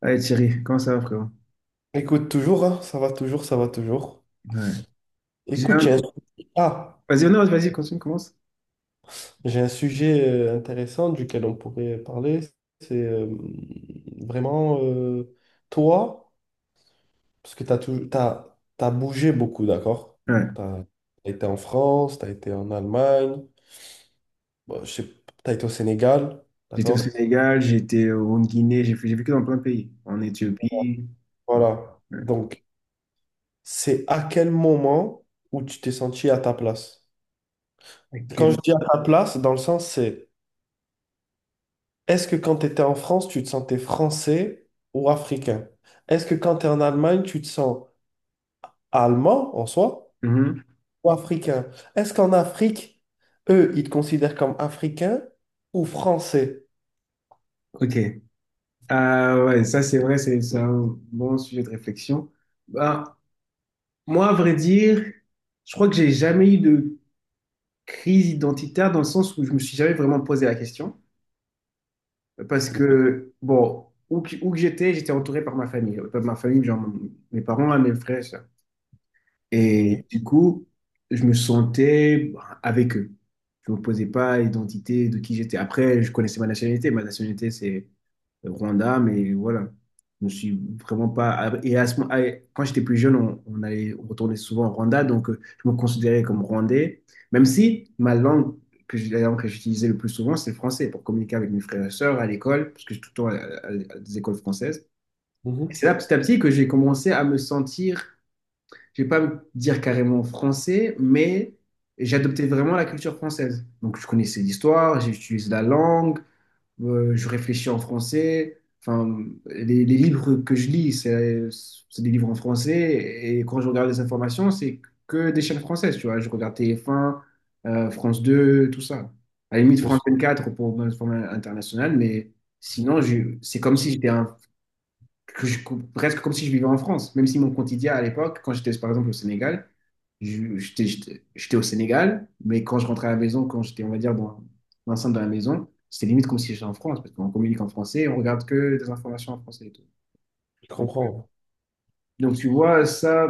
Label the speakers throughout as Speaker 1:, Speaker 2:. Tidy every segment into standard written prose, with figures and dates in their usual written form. Speaker 1: Allez Thierry, comment ça va frérot?
Speaker 2: Écoute, toujours, hein, ça va toujours, ça va toujours.
Speaker 1: Ouais. J'ai
Speaker 2: Écoute,
Speaker 1: un-
Speaker 2: ah,
Speaker 1: vas-y, non, vas-y, continue, commence.
Speaker 2: j'ai un sujet intéressant duquel on pourrait parler. C'est vraiment toi, parce que t'as bougé beaucoup, d'accord?
Speaker 1: Ouais.
Speaker 2: Tu as été en France, tu as été en Allemagne, bon, je sais, tu as été au Sénégal,
Speaker 1: J'étais au
Speaker 2: d'accord?
Speaker 1: Sénégal, j'étais en Guinée, j'ai vécu dans plein de pays. En Éthiopie.
Speaker 2: Voilà.
Speaker 1: Ouais.
Speaker 2: Donc, c'est à quel moment où tu t'es senti à ta place? Quand je
Speaker 1: Ok.
Speaker 2: dis à ta place, dans le sens, c'est... Est-ce que quand tu étais en France, tu te sentais français ou africain? Est-ce que quand tu es en Allemagne, tu te sens allemand en soi
Speaker 1: Mhm.
Speaker 2: ou africain? Est-ce qu'en Afrique, eux, ils te considèrent comme africain ou français?
Speaker 1: Ok. Ah ouais, ça c'est vrai, c'est un bon sujet de réflexion. Bah, moi, à vrai dire, je crois que j'ai jamais eu de crise identitaire dans le sens où je me suis jamais vraiment posé la question. Parce
Speaker 2: Ok,
Speaker 1: que, bon, où que j'étais, j'étais entouré par ma famille. Par ma famille, genre mes parents, mes frères. Et
Speaker 2: oui.
Speaker 1: du coup, je me sentais avec eux. Je ne me posais pas l'identité de qui j'étais. Après, je connaissais ma nationalité. Ma nationalité, c'est le Rwanda, mais voilà. Je ne suis vraiment pas. Et à ce moment, ah, quand j'étais plus jeune, on allait, on retournait souvent au Rwanda, donc je me considérais comme Rwandais, même si ma langue, que j'ai- la langue que j'utilisais le plus souvent, c'est le français pour communiquer avec mes frères et sœurs à l'école, parce que j'étais tout le temps à des écoles françaises. Et
Speaker 2: Mhm.
Speaker 1: c'est là, petit à petit, que j'ai commencé à me sentir, je vais pas me dire carrément français, mais j'ai adopté vraiment la culture française. Donc, je connaissais l'histoire, j'utilise la langue, je réfléchis en français. Enfin, les livres que je lis, c'est des livres en français. Et quand je regarde les informations, c'est que des chaînes françaises, tu vois. Je regarde TF1, France 2, tout ça. À la limite,
Speaker 2: Bien
Speaker 1: France
Speaker 2: sûr,
Speaker 1: vingt-quatre pour l'information international, mais sinon, c'est comme si j'étais un que je- presque comme si je vivais en France, même si mon quotidien à l'époque, quand j'étais par exemple au Sénégal, j'étais au Sénégal, mais quand je rentrais à la maison, quand j'étais, on va dire, dans l'enceinte de la maison, c'était limite comme si j'étais en France, parce qu'on communique en français, on regarde que des informations en français et tout.
Speaker 2: je
Speaker 1: Donc,
Speaker 2: comprends.
Speaker 1: donc, tu vois,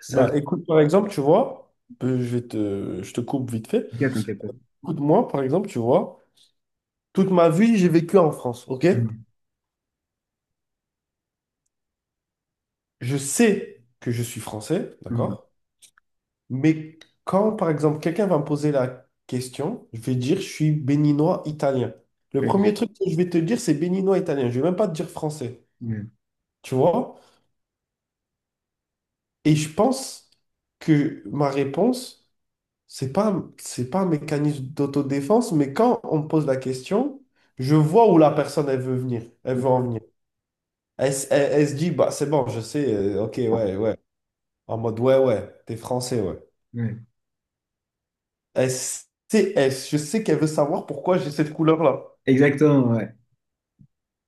Speaker 1: ça,
Speaker 2: Bah, écoute, par exemple, tu vois, je vais te, je te coupe vite fait.
Speaker 1: t'inquiète, t'inquiète pas.
Speaker 2: Écoute, moi, par exemple, tu vois, toute ma vie, j'ai vécu en France, ok?
Speaker 1: Mhm,
Speaker 2: Je sais que je suis français,
Speaker 1: mhm,
Speaker 2: d'accord? Mais quand, par exemple, quelqu'un va me poser la question, je vais dire, je suis béninois italien. Le
Speaker 1: ok,
Speaker 2: premier truc que je vais te dire, c'est béninois italien. Je vais même pas te dire français.
Speaker 1: ouais,
Speaker 2: Tu vois? Et je pense que ma réponse, c'est pas un mécanisme d'autodéfense, mais quand on me pose la question, je vois où la personne, elle veut venir. Elle veut en venir. Elle se dit, bah, c'est bon, je sais, ok, ouais, ouais. En mode, ouais, ouais, t'es français, ouais.
Speaker 1: ouais.
Speaker 2: Je sais qu'elle veut savoir pourquoi j'ai cette couleur-là.
Speaker 1: Exactement, ouais.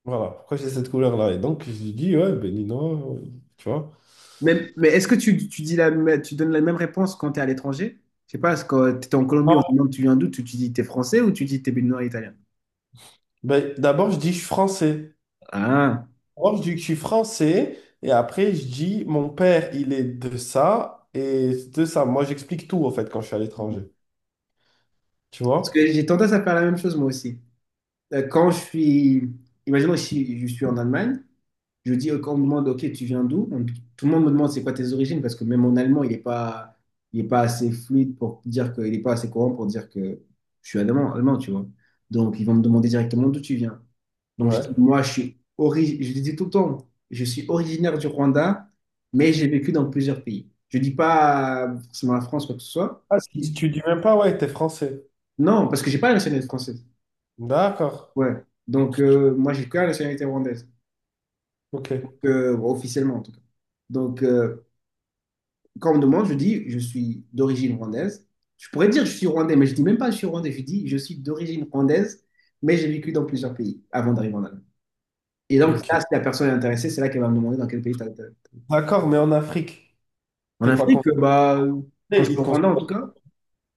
Speaker 2: Voilà, pourquoi j'ai cette couleur-là? Et donc, je dis, ouais, ben Nino, tu vois.
Speaker 1: Mais est-ce que tu donnes la même réponse quand tu es à l'étranger? Je sais pas, est-ce que tu es en Colombie, on te
Speaker 2: Non.
Speaker 1: demande tu viens d'où, tu dis t'es français ou tu dis t'es es noir italien?
Speaker 2: Ben, d'abord, je dis, je suis français.
Speaker 1: Ah,
Speaker 2: D'abord, je dis que je suis français. Et après, je dis, mon père, il est de ça. Et de ça, moi, j'explique tout, en fait, quand je suis à
Speaker 1: parce
Speaker 2: l'étranger. Tu vois?
Speaker 1: que j'ai tendance à faire la même chose moi aussi. Quand je suis, imaginons, je suis en Allemagne, je dis, quand on me demande, ok, tu viens d'où? Tout le monde me demande c'est quoi tes origines, parce que même mon allemand, il est pas assez fluide pour dire que, il n'est pas assez courant pour dire que je suis allemand, allemand, tu vois. Donc, ils vont me demander directement d'où tu viens. Donc, je dis,
Speaker 2: Ouais.
Speaker 1: moi, je le dis tout le temps, je suis originaire du Rwanda, mais j'ai vécu dans plusieurs pays. Je dis pas forcément la France, quoi que ce soit.
Speaker 2: Ah, tu, dis
Speaker 1: Si.
Speaker 2: tu dis même pas, ouais, t'es français.
Speaker 1: Non, parce que j'ai pas la nationalité française.
Speaker 2: D'accord.
Speaker 1: Ouais. Donc, moi, j'ai que la nationalité rwandaise,
Speaker 2: Ok.
Speaker 1: que, bon, officiellement en tout cas. Donc, quand on me demande, je dis, je suis d'origine rwandaise. Je pourrais dire, je suis rwandais, mais je dis même pas, je suis rwandais. Je dis, je suis d'origine rwandaise, mais j'ai vécu dans plusieurs pays avant d'arriver en Allemagne. Et donc, là,
Speaker 2: Ok.
Speaker 1: si la personne est intéressée, c'est là qu'elle va me demander dans quel pays tu as.
Speaker 2: D'accord, mais en Afrique,
Speaker 1: En
Speaker 2: t'es pas
Speaker 1: Afrique, quand je
Speaker 2: considéré.
Speaker 1: suis au Rwanda, en tout cas,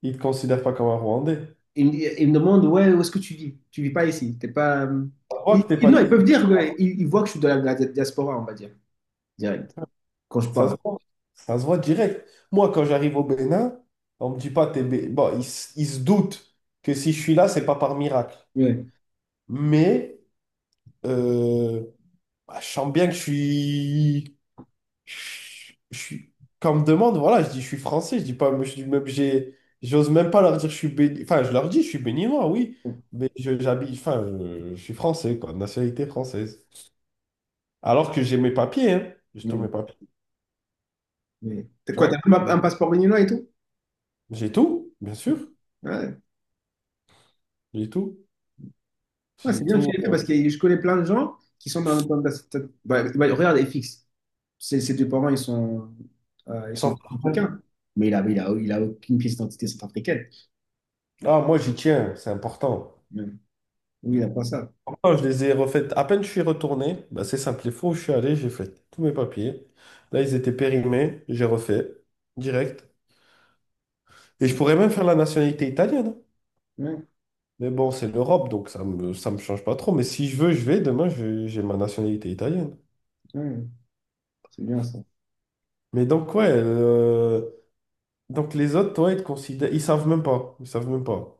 Speaker 2: Ils te considèrent pas comme un Rwandais.
Speaker 1: ils me demandent, ouais, où est-ce que tu vis? Tu vis pas ici. T'es pas.
Speaker 2: On voit que t'es pas.
Speaker 1: Non, ils peuvent dire, ils voient que je suis de la diaspora, on va dire, direct, quand je
Speaker 2: Ça se
Speaker 1: parle.
Speaker 2: voit, ça se voit direct. Moi, quand j'arrive au Bénin, on me dit pas, bon, ils se doutent que si je suis là, c'est pas par miracle.
Speaker 1: Ouais.
Speaker 2: Mais euh, bah, je sens bien que je suis... Je je suis... Quand on me demande, voilà, je dis je suis français, je dis pas, je dis même, j'ose même pas leur dire enfin, je leur dis je suis béninois, oui, mais j'habite, enfin, je suis français, quoi, de nationalité française. Alors que j'ai mes papiers, hein, j'ai tous mes
Speaker 1: Mm.
Speaker 2: papiers,
Speaker 1: Mais t'as
Speaker 2: tu
Speaker 1: quoi,
Speaker 2: vois.
Speaker 1: t'as même un passeport béninois et tout?
Speaker 2: J'ai tout, bien sûr,
Speaker 1: Ouais.
Speaker 2: j'ai tout.
Speaker 1: Ouais,
Speaker 2: J'ai
Speaker 1: c'est bien que tu
Speaker 2: tout.
Speaker 1: l'aies fait, parce que je connais plein de gens qui sont dans cette- bah, bah, regarde FX, ses deux parents ils sont
Speaker 2: Sans-
Speaker 1: africains, mais il a aucune pièce d'identité centrafricaine.
Speaker 2: Ah, moi, j'y tiens, c'est important.
Speaker 1: Ouais. Oui, il n'a pas ça.
Speaker 2: Pourtant, je les ai refaites. À peine je suis retourné, bah, c'est simple. Les fois où je suis allé, j'ai fait tous mes papiers. Là, ils étaient périmés, j'ai refait direct. Et je pourrais même faire la nationalité italienne.
Speaker 1: Ouais,
Speaker 2: Mais bon, c'est l'Europe, donc ça me change pas trop. Mais si je veux, je vais. Demain, j'ai ma nationalité italienne.
Speaker 1: ouais, c'est bien ça.
Speaker 2: Mais donc, ouais. Donc, les autres, toi, ils te considèrent. Ils savent même pas. Ils savent même pas.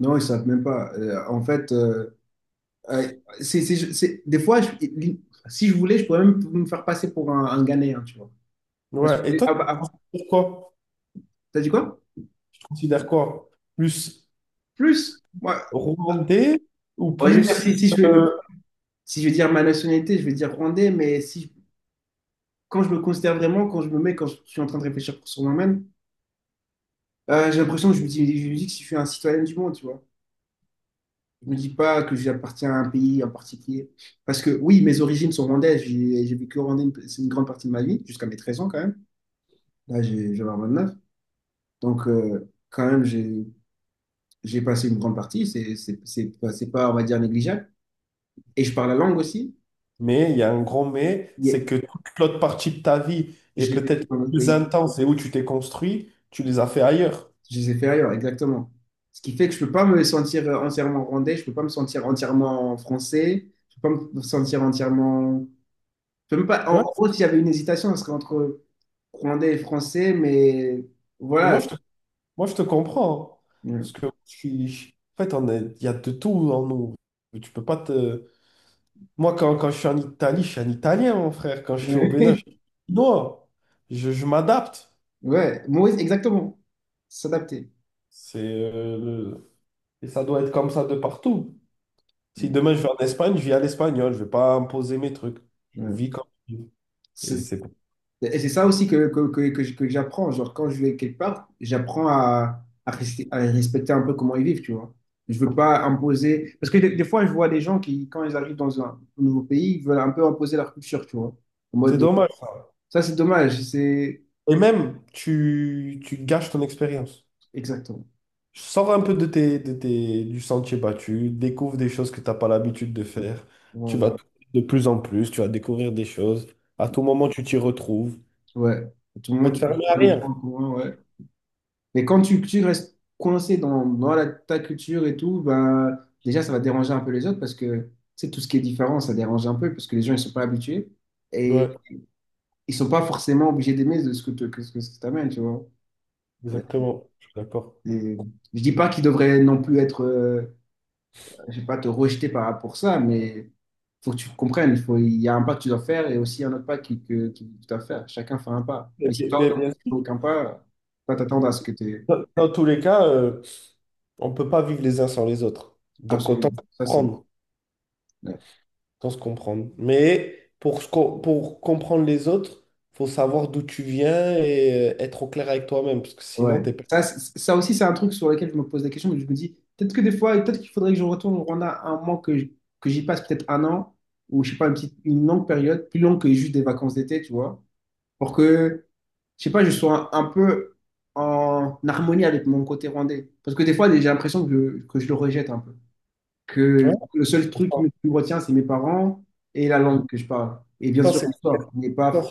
Speaker 1: Non, ils ne savent même pas. Euh, des fois, si je voulais, je pourrais même me faire passer pour un Ghanéen, tu vois. Parce
Speaker 2: Ouais. Et
Speaker 1: que,
Speaker 2: toi,
Speaker 1: ah,
Speaker 2: tu
Speaker 1: bah, ah,
Speaker 2: considères quoi?
Speaker 1: t'as dit quoi?
Speaker 2: Tu considères quoi? Plus.
Speaker 1: Plus? Ouais.
Speaker 2: Remonter ou
Speaker 1: Ouais, je veux dire,
Speaker 2: plus. euh,
Speaker 1: si je veux dire ma nationalité, je vais dire rwandais, mais si, quand je me considère vraiment, quand je suis en train de réfléchir sur moi-même, j'ai l'impression que je me dis que je suis un citoyen du monde, tu vois. Je me dis pas que j'appartiens à un pays en particulier. Parce que oui, mes origines sont rwandaises. J'ai vécu au Rwanda, c'est une grande partie de ma vie, jusqu'à mes 13 ans quand même. Là, j'en ai 29. Donc, quand même, j'ai passé une grande partie. C'est pas, on va dire, négligeable. Et je parle la langue aussi.
Speaker 2: mais il y a un grand mais,
Speaker 1: Il y a-
Speaker 2: c'est que toute l'autre partie de ta vie et
Speaker 1: Je l'ai vécu
Speaker 2: peut-être
Speaker 1: dans notre
Speaker 2: plus
Speaker 1: pays.
Speaker 2: intense et où tu t'es construit, tu les as fait ailleurs.
Speaker 1: Je les ai fait ailleurs, exactement. Ce qui fait que je peux pas me sentir entièrement rwandais, je peux pas me sentir entièrement français, je peux pas me sentir entièrement. Je peux même pas... En
Speaker 2: Ouais.
Speaker 1: en gros, s'il y avait une hésitation, ce serait entre rwandais et français, mais
Speaker 2: Mais
Speaker 1: voilà.
Speaker 2: moi, je te, moi, je te comprends, hein.
Speaker 1: Ouais.
Speaker 2: Parce que en fait, il y a de tout en nous. Tu peux pas te. Moi, quand je suis en Italie, je suis un Italien, mon frère. Quand je suis au Bénin, je suis chinois. Je m'adapte.
Speaker 1: Ouais. Maurice, exactement. S'adapter.
Speaker 2: C'est, euh, le- Et ça doit être comme ça de partout. Si
Speaker 1: Ouais.
Speaker 2: demain je vais en Espagne, je vis à l'espagnol, je vais pas imposer mes trucs. Je
Speaker 1: Ouais.
Speaker 2: vis comme je vis. Et
Speaker 1: C'est-
Speaker 2: c'est cool.
Speaker 1: Et c'est ça aussi que j'apprends. Genre, quand je vais quelque part, j'apprends à respecter un peu comment ils vivent, tu vois. Je veux pas imposer. Parce que des fois, je vois des gens qui, quand ils arrivent dans nouveau pays, ils veulent un peu imposer leur culture, tu vois. En
Speaker 2: C'est
Speaker 1: mode,
Speaker 2: dommage.
Speaker 1: ça, c'est dommage. C'est
Speaker 2: Et même, tu gâches ton expérience.
Speaker 1: exactement.
Speaker 2: Sors un peu de du sentier battu, découvre des choses que tu n'as pas l'habitude de faire. Tu vas
Speaker 1: Voilà.
Speaker 2: de plus en plus, tu vas découvrir des choses. À tout moment, tu t'y retrouves. Tu
Speaker 1: Ouais. À tout le
Speaker 2: vas
Speaker 1: monde,
Speaker 2: te
Speaker 1: tu
Speaker 2: fermer à
Speaker 1: vois les points
Speaker 2: rien.
Speaker 1: communs, ouais. Mais quand tu restes coincé ta culture et tout, bah, déjà, ça va déranger un peu les autres parce que, tu sais, tout ce qui est différent, ça dérange un peu parce que les gens, ils sont pas habitués. Et
Speaker 2: Ouais,
Speaker 1: ils sont pas forcément obligés d'aimer de ce que ce que t'amènes, tu vois.
Speaker 2: exactement. Je suis d'accord.
Speaker 1: Et je dis pas qu'ils devraient non plus être, je sais pas, te rejeter par rapport à ça, mais faut que tu comprennes, il y a un pas que tu dois faire et aussi un autre pas que tu dois faire. Chacun fait un pas.
Speaker 2: Mais-
Speaker 1: Mais si toi,
Speaker 2: mais-
Speaker 1: non plus, tu fais
Speaker 2: mais
Speaker 1: aucun pas, faut pas t'attendre à ce que tu es.
Speaker 2: dans tous les cas, on ne peut pas vivre les uns sans les autres. Donc
Speaker 1: Absolument.
Speaker 2: autant
Speaker 1: Ça, c'est.
Speaker 2: prendre. Sans se comprendre. Mais pour, pour comprendre les autres, faut savoir d'où tu viens et être au clair avec toi-même, parce que sinon,
Speaker 1: Ouais.
Speaker 2: t'es pas.
Speaker 1: Ça, ça aussi, c'est un truc sur lequel je me pose la question, mais je me dis, peut-être que des fois, peut-être qu'il faudrait que je retourne au Rwanda un mois, que j'y passe peut-être un an, ou je sais pas, une longue période, plus longue que juste des vacances d'été, tu vois, pour que, je sais pas, je sois un peu en harmonie avec mon côté rwandais. Parce que des fois, j'ai l'impression que je le rejette un peu.
Speaker 2: Tu
Speaker 1: Que
Speaker 2: vois.
Speaker 1: le seul truc
Speaker 2: Pourtant-
Speaker 1: qui me retient, c'est mes parents et la
Speaker 2: Pourtant,
Speaker 1: langue que je parle. Et bien sûr,
Speaker 2: c'est-
Speaker 1: l'histoire. N'est
Speaker 2: ça,
Speaker 1: pas...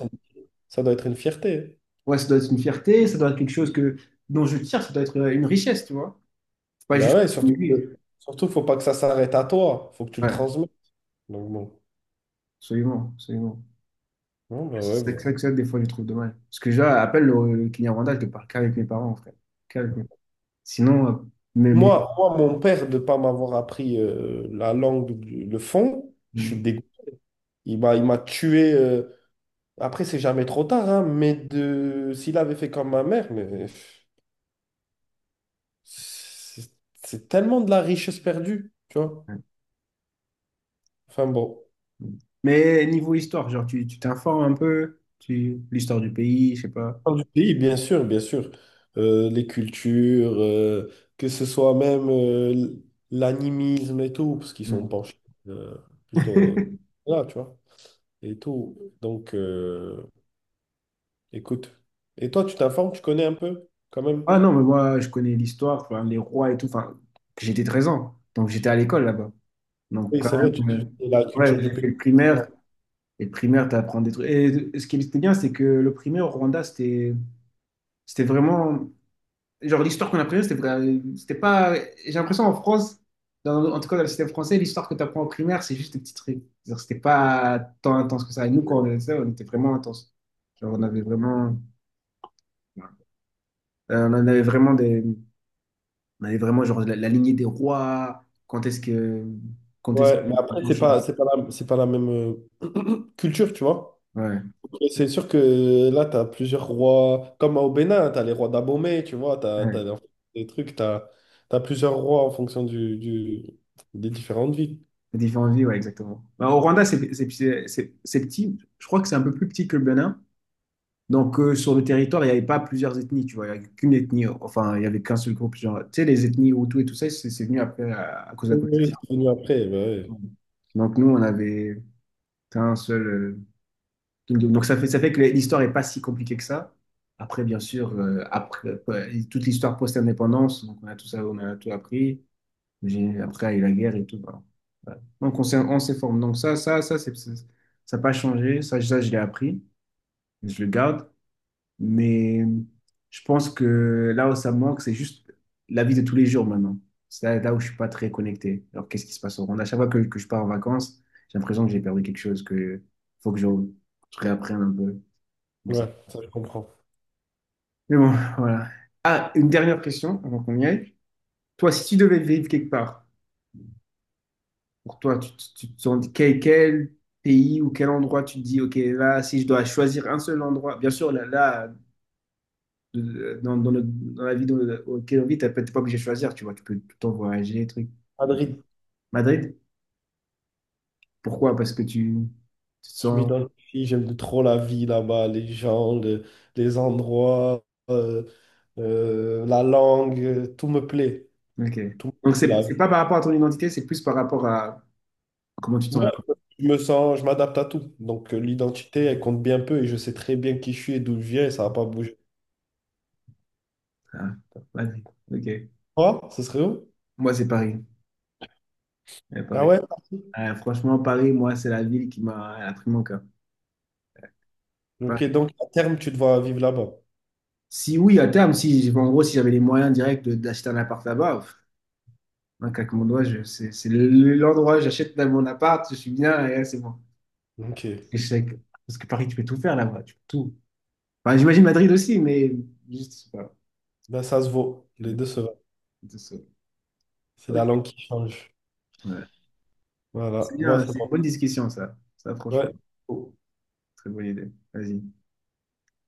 Speaker 2: ça doit être une fierté.
Speaker 1: Ouais, ça doit être une fierté, ça doit être quelque chose que, dont je tire, ça doit être une richesse, tu vois. Pas
Speaker 2: Bah
Speaker 1: juste
Speaker 2: ouais,
Speaker 1: contre
Speaker 2: surtout,
Speaker 1: l'église.
Speaker 2: surtout, faut pas que ça s'arrête à toi. Faut que tu le
Speaker 1: Ouais,
Speaker 2: transmettes. Donc bon.
Speaker 1: absolument, absolument.
Speaker 2: Non, bah ouais,
Speaker 1: C'est ça, que
Speaker 2: vous-
Speaker 1: c'est que ça, des fois, je trouve dommage. Parce que déjà, appelle le client randal, je te parle qu'avec mes parents, frère. Qu'avec mes parents. Sinon, mais, mais,
Speaker 2: Moi, mon père, de pas m'avoir appris la langue, le fond, je suis
Speaker 1: mm.
Speaker 2: dégoûté. Il m'a tué. Après, c'est jamais trop tard, hein, mais de... s'il avait fait comme ma mère, mais. C'est c'est tellement de la richesse perdue, tu vois.
Speaker 1: Ouais.
Speaker 2: Enfin bon,
Speaker 1: Mais niveau histoire, genre, tu t'informes un peu, tu, l'histoire du pays, je sais pas.
Speaker 2: on parle du pays, bien sûr, bien sûr. Les cultures, que ce soit même l'animisme et tout, parce qu'ils sont
Speaker 1: Mm.
Speaker 2: penchés euh, plutôt là, tu vois, et tout. Donc, écoute. Et toi, tu t'informes, tu connais un peu, quand même?
Speaker 1: Ah non, mais moi, je connais l'histoire, enfin, les rois et tout. Enfin, j'étais 13 ans, donc j'étais à l'école là-bas. Donc,
Speaker 2: Oui,
Speaker 1: quand
Speaker 2: c'est vrai,
Speaker 1: même,
Speaker 2: la culture
Speaker 1: ouais,
Speaker 2: du
Speaker 1: j'ai fait
Speaker 2: pays.
Speaker 1: le primaire. Et le primaire, tu apprends des trucs. Et ce qui était bien, c'est que le primaire au Rwanda, c'était. C'était vraiment. Genre, l'histoire qu'on apprenait, c'était pas. J'ai l'impression en France, en tout cas dans le système français, l'histoire que tu apprends en primaire, c'est juste des petits trucs. Genre, c'était pas tant intense que ça. Et nous, quand on faisait ça, on était vraiment intense. Genre, on avait vraiment. On en avait vraiment des, on avait vraiment genre la lignée des rois. Quand est-ce
Speaker 2: Ouais, mais
Speaker 1: qu'ils
Speaker 2: après,
Speaker 1: ont changé?
Speaker 2: c'est pas la même culture, tu vois.
Speaker 1: Ouais,
Speaker 2: Et c'est sûr que là, tu as plusieurs rois, comme au Bénin, tu as les rois d'Abomey, tu vois, tu as
Speaker 1: ouais.
Speaker 2: des trucs, tu as plusieurs rois en fonction des différentes villes.
Speaker 1: Les différentes vies, ouais, exactement. Bah, au Rwanda, c'est petit. Je crois que c'est un peu plus petit que le Bénin. Donc, sur le territoire, il n'y avait pas plusieurs ethnies, tu vois. Il n'y avait qu'une ethnie. Enfin, il n'y avait qu'un seul groupe. Genre, tu sais, les ethnies Hutu et tout ça, c'est venu après à cause de la
Speaker 2: Oui, oui,
Speaker 1: colonisation.
Speaker 2: c'est venu après, bah ouais.
Speaker 1: Donc, nous, on avait un seul. Kingdom. Donc, ça fait que l'histoire n'est pas si compliquée que ça. Après, bien sûr, toute l'histoire post-indépendance, donc on a tout ça, on a tout appris. Après, il y a eu la guerre et tout. Voilà. Voilà. Donc, on s'est formé. Donc, ça n'a pas changé. Je l'ai appris. Je le garde. Mais je pense que là où ça me manque, c'est juste la vie de tous les jours maintenant. C'est là, là où je suis pas très connecté. Alors, qu'est-ce qui se passe au Rwanda? À chaque fois que je pars en vacances, j'ai l'impression que j'ai perdu quelque chose, que faut que je, je réapprenne un peu. Bon, ça-
Speaker 2: Ouais, ça je comprends.
Speaker 1: mais bon, voilà. Ah, une dernière question avant qu'on y aille. Toi, si tu devais vivre quelque part, pour toi, quel pays ou quel endroit tu te dis, ok, là, si je dois choisir un seul endroit, bien sûr, dans la vie auquel on vit, t'es pas obligé de choisir, tu vois, tu peux tout le temps voyager, truc.
Speaker 2: Madrid,
Speaker 1: Madrid, pourquoi? Parce que tu te
Speaker 2: je
Speaker 1: sens.
Speaker 2: m'identifie, j'aime trop la vie là-bas, les gens, les endroits, euh, la langue, tout me plaît.
Speaker 1: Ok.
Speaker 2: Tout, me
Speaker 1: Donc,
Speaker 2: plaît,
Speaker 1: c'est
Speaker 2: la
Speaker 1: c'est
Speaker 2: vie.
Speaker 1: pas par rapport à ton identité, c'est plus par rapport à comment tu te
Speaker 2: Ouais,
Speaker 1: sens là.
Speaker 2: je m'adapte à tout. Donc l'identité, elle compte bien peu et je sais très bien qui je suis et d'où je viens et ça va pas bouger.
Speaker 1: Ah, Madrid. Ok.
Speaker 2: Quoi? Ce serait où?
Speaker 1: Moi, c'est Paris. Ouais,
Speaker 2: Ah
Speaker 1: Paris.
Speaker 2: ouais? Parti.
Speaker 1: Franchement, Paris, moi, c'est la ville qui m'a elle a pris mon cœur.
Speaker 2: Ok,
Speaker 1: Paris.
Speaker 2: donc à terme, tu devras vivre là-bas.
Speaker 1: Si oui, à terme, si, si, en gros, si j'avais les moyens directs d'acheter un appart là-bas, pff, un claquement de doigts, c'est l'endroit, j'achète là mon appart, je suis bien, et là, c'est bon.
Speaker 2: Ok. Ok.
Speaker 1: Échec. Parce que Paris, tu peux tout faire là-bas, tu peux tout. Enfin, j'imagine Madrid aussi, mais juste, voilà.
Speaker 2: Ben, ça se vaut. Les
Speaker 1: Le-
Speaker 2: deux se valent.
Speaker 1: Tout ça.
Speaker 2: C'est
Speaker 1: Ok.
Speaker 2: la langue qui change.
Speaker 1: Ouais. C'est
Speaker 2: Voilà. Bon,
Speaker 1: bien,
Speaker 2: c'est
Speaker 1: c'est une
Speaker 2: bon.
Speaker 1: bonne discussion, ça. Ça, franchement,
Speaker 2: Ouais.
Speaker 1: très bonne idée. Vas-y.